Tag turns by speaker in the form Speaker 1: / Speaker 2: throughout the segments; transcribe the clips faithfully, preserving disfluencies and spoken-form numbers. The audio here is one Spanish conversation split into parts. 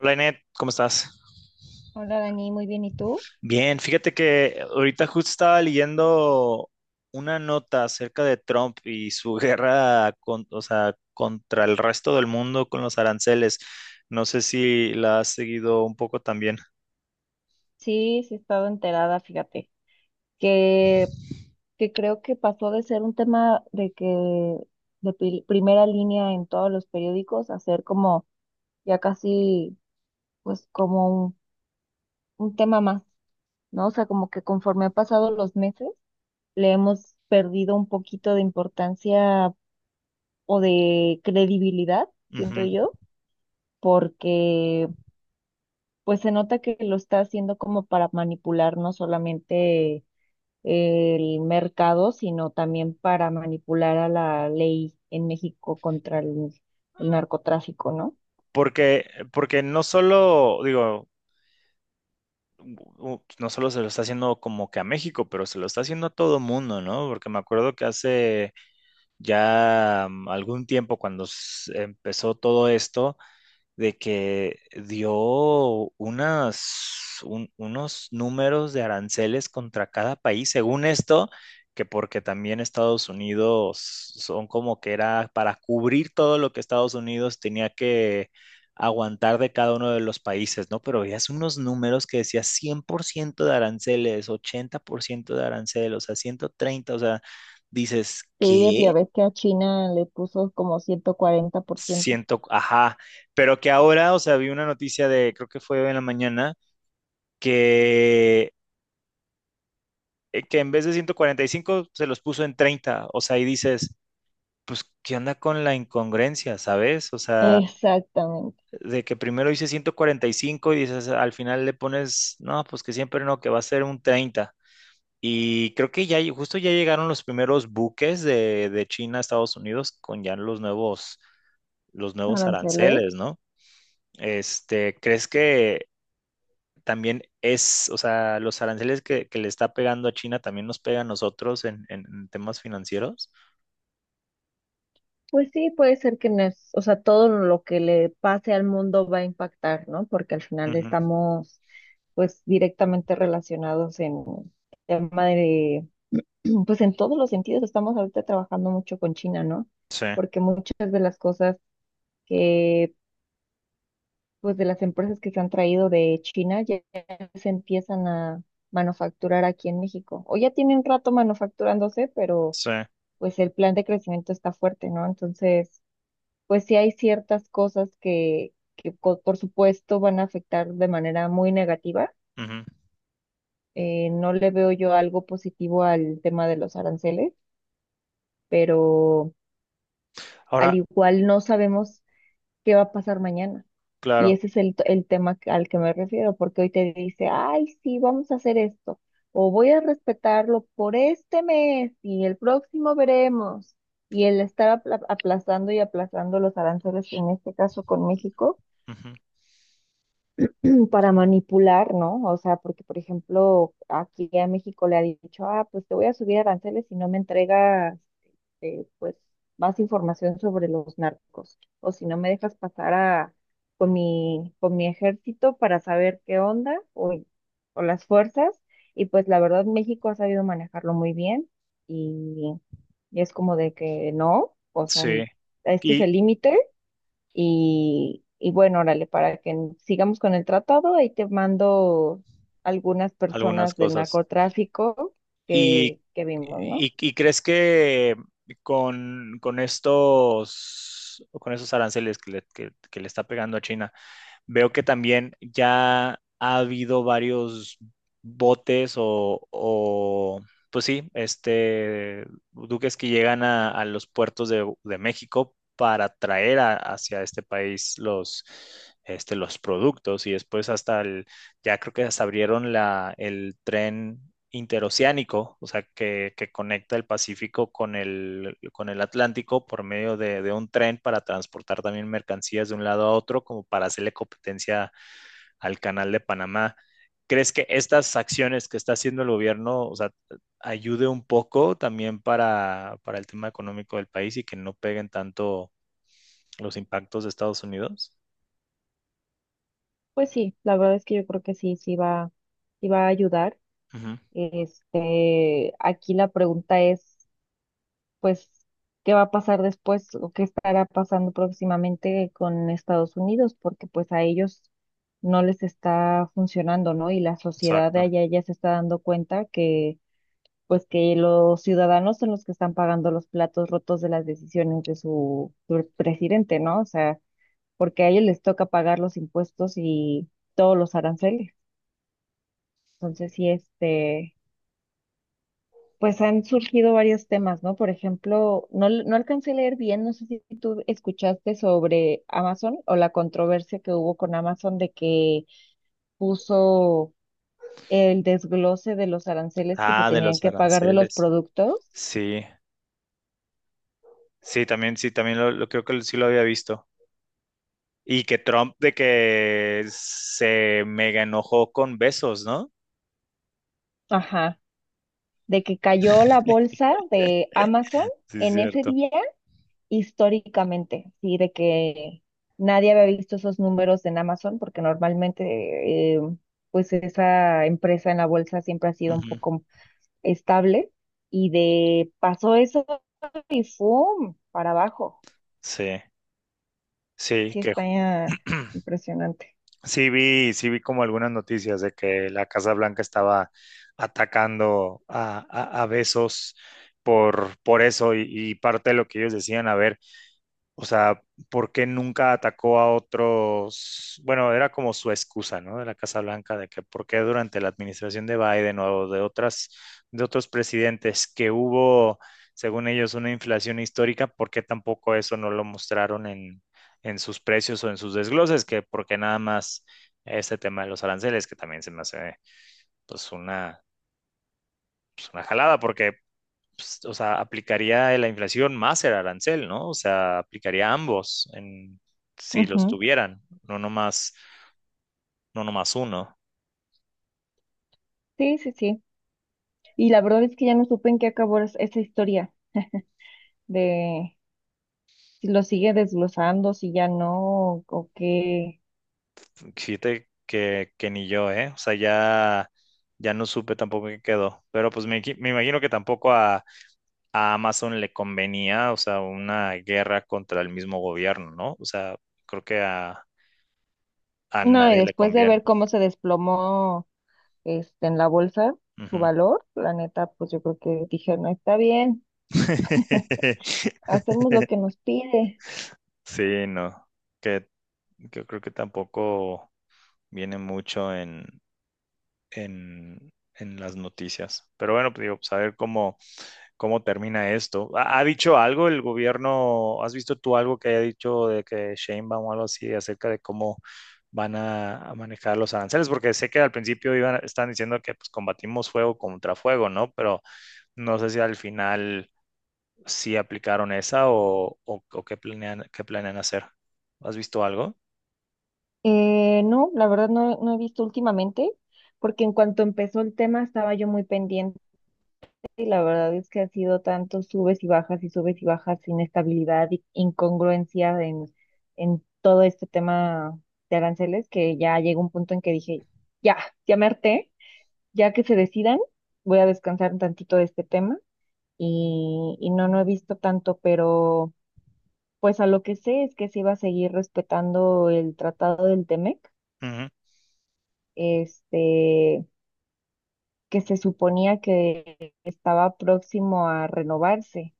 Speaker 1: Hola Inet, ¿cómo estás?
Speaker 2: Hola Dani, muy bien. ¿Y tú?
Speaker 1: Bien, fíjate que ahorita justo estaba leyendo una nota acerca de Trump y su guerra con- o sea, contra el resto del mundo con los aranceles. No sé si la has seguido un poco también.
Speaker 2: Sí, sí he estado enterada, fíjate, que, que creo que pasó de ser un tema de que de pri- primera línea en todos los periódicos a ser como ya casi, pues como un, un tema más, ¿no? O sea, como que conforme han pasado los meses, le hemos perdido un poquito de importancia o de credibilidad, siento
Speaker 1: Ujú.
Speaker 2: yo, porque pues se nota que lo está haciendo como para manipular, no solamente el mercado, sino también para manipular a la ley en México contra el, el narcotráfico, ¿no?
Speaker 1: Porque, porque no solo, digo, u- u- no solo se lo está haciendo como que a México, pero se lo está haciendo a todo mundo, ¿no? Porque me acuerdo que hace ya mm, algún tiempo, cuando s- empezó todo esto, de que dio unas, un- unos números de aranceles contra cada país, según esto, que porque también Estados Unidos son como que era para cubrir todo lo que Estados Unidos tenía que aguantar de cada uno de los países, ¿no? Pero veías unos números que decía cien por ciento de aranceles, ochenta por ciento de aranceles, o sea, ciento treinta, o sea, dices,
Speaker 2: Sí,
Speaker 1: ¿qué?
Speaker 2: ya ves que a China le puso como ciento cuarenta por ciento.
Speaker 1: Siento, ajá, pero que ahora, o sea, vi una noticia de, creo que fue hoy en la mañana, que, eh, que en vez de ciento cuarenta y cinco se los puso en treinta, o sea, y dices, pues, ¿qué onda con la incongruencia, sabes? O sea,
Speaker 2: Exactamente,
Speaker 1: de que primero hice ciento cuarenta y cinco y dices, al final le pones, no, pues que siempre no, que va a ser un treinta. Y creo que ya, justo ya llegaron los primeros buques de, de China a Estados Unidos con ya los nuevos, los nuevos
Speaker 2: aranceles.
Speaker 1: aranceles, ¿no? Este, ¿crees que también es, o sea, los aranceles que, que le está pegando a China también nos pega a nosotros en, en- en temas financieros?
Speaker 2: Pues sí, puede ser que no es, o sea, todo lo que le pase al mundo va a impactar, ¿no? Porque al final
Speaker 1: Ujú.
Speaker 2: estamos, pues, directamente relacionados en tema de pues en todos los sentidos estamos ahorita trabajando mucho con China, ¿no?
Speaker 1: Sí,
Speaker 2: Porque muchas de las cosas que, pues de las empresas que se han traído de China ya se empiezan a manufacturar aquí en México. O ya tienen rato manufacturándose, pero
Speaker 1: sí.
Speaker 2: pues el plan de crecimiento está fuerte, ¿no? Entonces, pues sí hay ciertas cosas que, que co- por supuesto van a afectar de manera muy negativa.
Speaker 1: Ujú.
Speaker 2: Eh, no le veo yo algo positivo al tema de los aranceles, pero al
Speaker 1: Ahora,
Speaker 2: igual no sabemos qué va a pasar mañana. Y
Speaker 1: claro.
Speaker 2: ese es el, t- el tema que- al que me refiero, porque hoy te dice, ay, sí, vamos a hacer esto, o voy a respetarlo por este mes y el próximo veremos. Y el estar apla- aplazando y aplazando los aranceles, en este caso con México
Speaker 1: Ujú.
Speaker 2: para manipular, ¿no? O sea, porque, por ejemplo, aquí a México le ha dicho, ah, pues te voy a subir aranceles si no me entregas, eh, pues, más información sobre los narcos, o si no me dejas pasar a, con mi, con mi ejército para saber qué onda, o, o las fuerzas, y pues la verdad México ha sabido manejarlo muy bien, y, y es como de que no, o sea,
Speaker 1: Sí.
Speaker 2: este es
Speaker 1: Y
Speaker 2: el límite, y, y bueno, órale, para que n- sigamos con el tratado, ahí te mando algunas
Speaker 1: algunas
Speaker 2: personas del
Speaker 1: cosas.
Speaker 2: narcotráfico
Speaker 1: ¿Y,
Speaker 2: que, que vimos, ¿no?
Speaker 1: y, y crees que con, con estos, con esos aranceles que le, que, que le está pegando a China, veo que también ya ha habido varios botes o, o, pues sí, este, duques que llegan a, a los puertos de, de México para traer a- hacia este país los, este, los productos y después hasta el, ya creo que hasta abrieron la, el tren interoceánico, o sea, que, que conecta el Pacífico con el, con el Atlántico por medio de, de un tren para transportar también mercancías de un lado a otro, como para hacerle competencia al canal de Panamá. ¿Crees que estas acciones que está haciendo el gobierno, o sea, ayude un poco también para, para el tema económico del país y que no peguen tanto los impactos de Estados Unidos?
Speaker 2: Pues sí, la verdad es que yo creo que sí, sí va, sí va a ayudar.
Speaker 1: Ujú.
Speaker 2: Este, aquí la pregunta es, pues, ¿qué va a pasar después o qué estará pasando próximamente con Estados Unidos? Porque pues a ellos no les está funcionando, ¿no? Y la sociedad de
Speaker 1: Exacto.
Speaker 2: allá ya se está dando cuenta que pues que los ciudadanos son los que están pagando los platos rotos de las decisiones de su, su presidente, ¿no? O sea, porque a ellos les toca pagar los impuestos y todos los aranceles. Entonces, sí, este, pues han surgido varios temas, ¿no? Por ejemplo, no, l- no alcancé a leer bien, no sé si tú escuchaste sobre Amazon o la controversia que hubo con Amazon de que puso el desglose de los aranceles que se
Speaker 1: Ah, de
Speaker 2: tenían
Speaker 1: los
Speaker 2: que pagar de los
Speaker 1: aranceles.
Speaker 2: productos.
Speaker 1: Sí, sí, también, sí, también lo, lo- creo que sí lo había visto. Y que Trump de que se mega enojó con besos, ¿no?
Speaker 2: Ajá, de que cayó la bolsa de Amazon
Speaker 1: Sí, es
Speaker 2: en ese
Speaker 1: cierto.
Speaker 2: día históricamente, sí, de que nadie había visto esos números en Amazon porque normalmente eh, pues esa empresa en la bolsa siempre ha sido un
Speaker 1: Ujú.
Speaker 2: poco estable y de pasó eso y ¡fum! Para abajo.
Speaker 1: Sí, sí,
Speaker 2: Sí,
Speaker 1: que
Speaker 2: está eh, impresionante.
Speaker 1: sí vi, sí vi como algunas noticias de que la Casa Blanca estaba atacando a, a, a Bezos por, por eso y, y parte de lo que ellos decían, a ver, o sea, ¿por qué nunca atacó a otros? Bueno, era como su excusa, ¿no? De la Casa Blanca, de que por qué durante la administración de Biden o de otras, de otros presidentes que hubo, según ellos, una inflación histórica, ¿por qué tampoco eso no lo mostraron en, en sus precios o en sus desgloses? Que porque nada más este tema de los aranceles, que también se me hace, pues, una, pues, una jalada, porque pues, o sea, aplicaría la inflación más el arancel, ¿no? O sea, aplicaría ambos en, si los
Speaker 2: Ujú.
Speaker 1: tuvieran, no nomás, no nomás uno.
Speaker 2: Sí, sí, sí. Y la verdad es que ya no supe en qué acabó es- esa historia de si lo sigue desglosando, si ya no, o qué.
Speaker 1: Fíjate que, que ni yo, ¿eh? O sea, ya, ya no supe tampoco qué quedó. Pero pues me, me imagino que tampoco a, a Amazon le convenía, o sea, una guerra contra el mismo gobierno, ¿no? O sea, creo que a, a
Speaker 2: No, y
Speaker 1: nadie le
Speaker 2: después de
Speaker 1: conviene.
Speaker 2: ver cómo se desplomó este en la bolsa su
Speaker 1: Ujú.
Speaker 2: valor, la neta, pues yo creo que dije, no está bien, hacemos lo que nos pide.
Speaker 1: Sí, no, que yo creo que tampoco viene mucho en, en, en las noticias. Pero bueno, pues digo, pues a ver cómo, cómo termina esto. ¿Ha, ha dicho algo el gobierno? ¿Has visto tú algo que haya dicho de que Sheinbaum o algo así acerca de cómo van a, a manejar los aranceles? Porque sé que al principio iban, están diciendo que pues combatimos fuego contra fuego, ¿no? Pero no sé si al final sí aplicaron esa o, o, o qué planean, qué planean hacer. ¿Has visto algo?
Speaker 2: Eh, no, la verdad no, no he visto últimamente, porque en cuanto empezó el tema estaba yo muy pendiente y la verdad es que ha sido tanto subes y bajas y subes y bajas, inestabilidad y incongruencia en, en todo este tema de aranceles que ya llegó un punto en que dije, ya, ya me harté. Ya que se decidan, voy a descansar un tantito de este tema y, y no, no he visto tanto, pero pues a lo que sé es que se iba a seguir respetando el tratado del Temec,
Speaker 1: Ujú.
Speaker 2: este, que se suponía que estaba próximo a renovarse,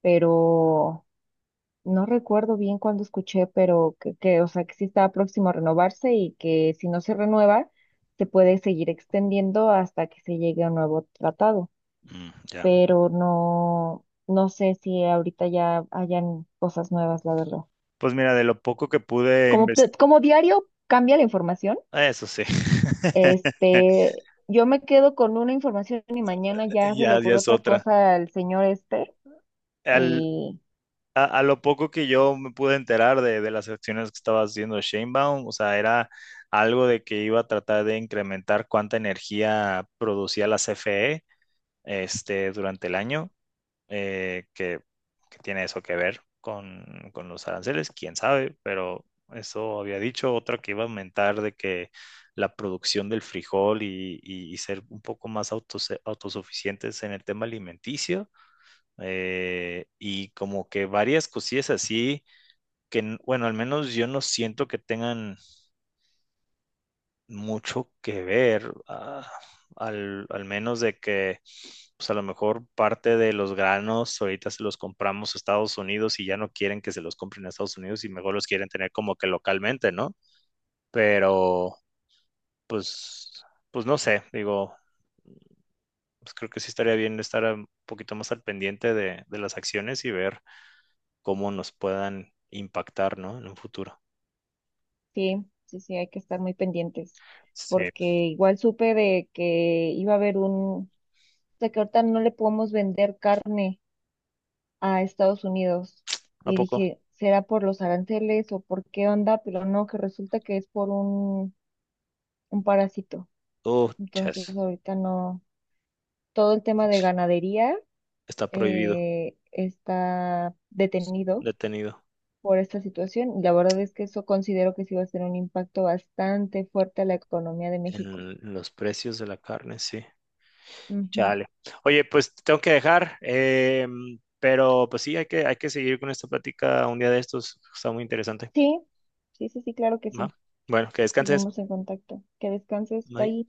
Speaker 2: pero no recuerdo bien cuándo escuché, pero que, que, o sea, que sí estaba próximo a renovarse y que si no se renueva, se puede seguir extendiendo hasta que se llegue a un nuevo tratado.
Speaker 1: Mm, ya.
Speaker 2: Pero no, no sé si ahorita ya hayan cosas nuevas, la verdad.
Speaker 1: Pues mira, de lo poco que pude
Speaker 2: Como, te-
Speaker 1: investigar,
Speaker 2: como diario cambia la información,
Speaker 1: eso sí,
Speaker 2: este, yo me quedo con una información y mañana ya se le
Speaker 1: ya, ya
Speaker 2: ocurrió
Speaker 1: es
Speaker 2: otra
Speaker 1: otra.
Speaker 2: cosa al señor Esper.
Speaker 1: Al,
Speaker 2: Y
Speaker 1: a, a lo poco que yo me pude enterar de, de las acciones que estaba haciendo Shanebaum, o sea, era algo de que iba a tratar de incrementar cuánta energía producía la C F E este, durante el año. eh, que, que tiene eso que ver con, con los aranceles, quién sabe, pero eso había dicho, otra que iba a aumentar de que la producción del frijol y, y- y ser un poco más autos- autosuficientes en el tema alimenticio, eh, y como que varias cosillas así que, n- bueno, al menos yo no siento que tengan mucho que ver, ah, al, al menos de que, pues a lo mejor parte de los granos ahorita se los compramos a Estados Unidos y ya no quieren que se los compren a Estados Unidos y mejor los quieren tener como que localmente, ¿no? Pero, pues, pues no sé, digo, pues creo que sí estaría bien estar un poquito más al pendiente de, de las acciones y ver cómo nos puedan impactar, ¿no? En un futuro.
Speaker 2: sí, sí, sí, hay que estar muy pendientes,
Speaker 1: Sí,
Speaker 2: porque igual supe de que iba a haber un, de que ahorita no le podemos vender carne a Estados Unidos
Speaker 1: ¿a
Speaker 2: y
Speaker 1: poco?
Speaker 2: dije, ¿será por los aranceles o por qué onda? Pero no, que resulta que es por un, un, parásito.
Speaker 1: Oh,
Speaker 2: Entonces
Speaker 1: chas,
Speaker 2: ahorita no, todo el tema de ganadería
Speaker 1: está prohibido,
Speaker 2: eh, está detenido
Speaker 1: detenido.
Speaker 2: por esta situación. Y la verdad es que eso considero que sí va a ser un impacto bastante fuerte a la economía de México.
Speaker 1: En los precios de la carne, sí.
Speaker 2: Ujú.
Speaker 1: Chale. Oye, pues te tengo que dejar, eh, pero pues sí, hay que, hay que seguir con esta plática un día de estos. Está muy interesante.
Speaker 2: Sí, sí, sí, sí, claro que
Speaker 1: Ajá.
Speaker 2: sí.
Speaker 1: Bueno, que descanses.
Speaker 2: Seguimos en contacto. Que descanses,
Speaker 1: Bye.
Speaker 2: bye.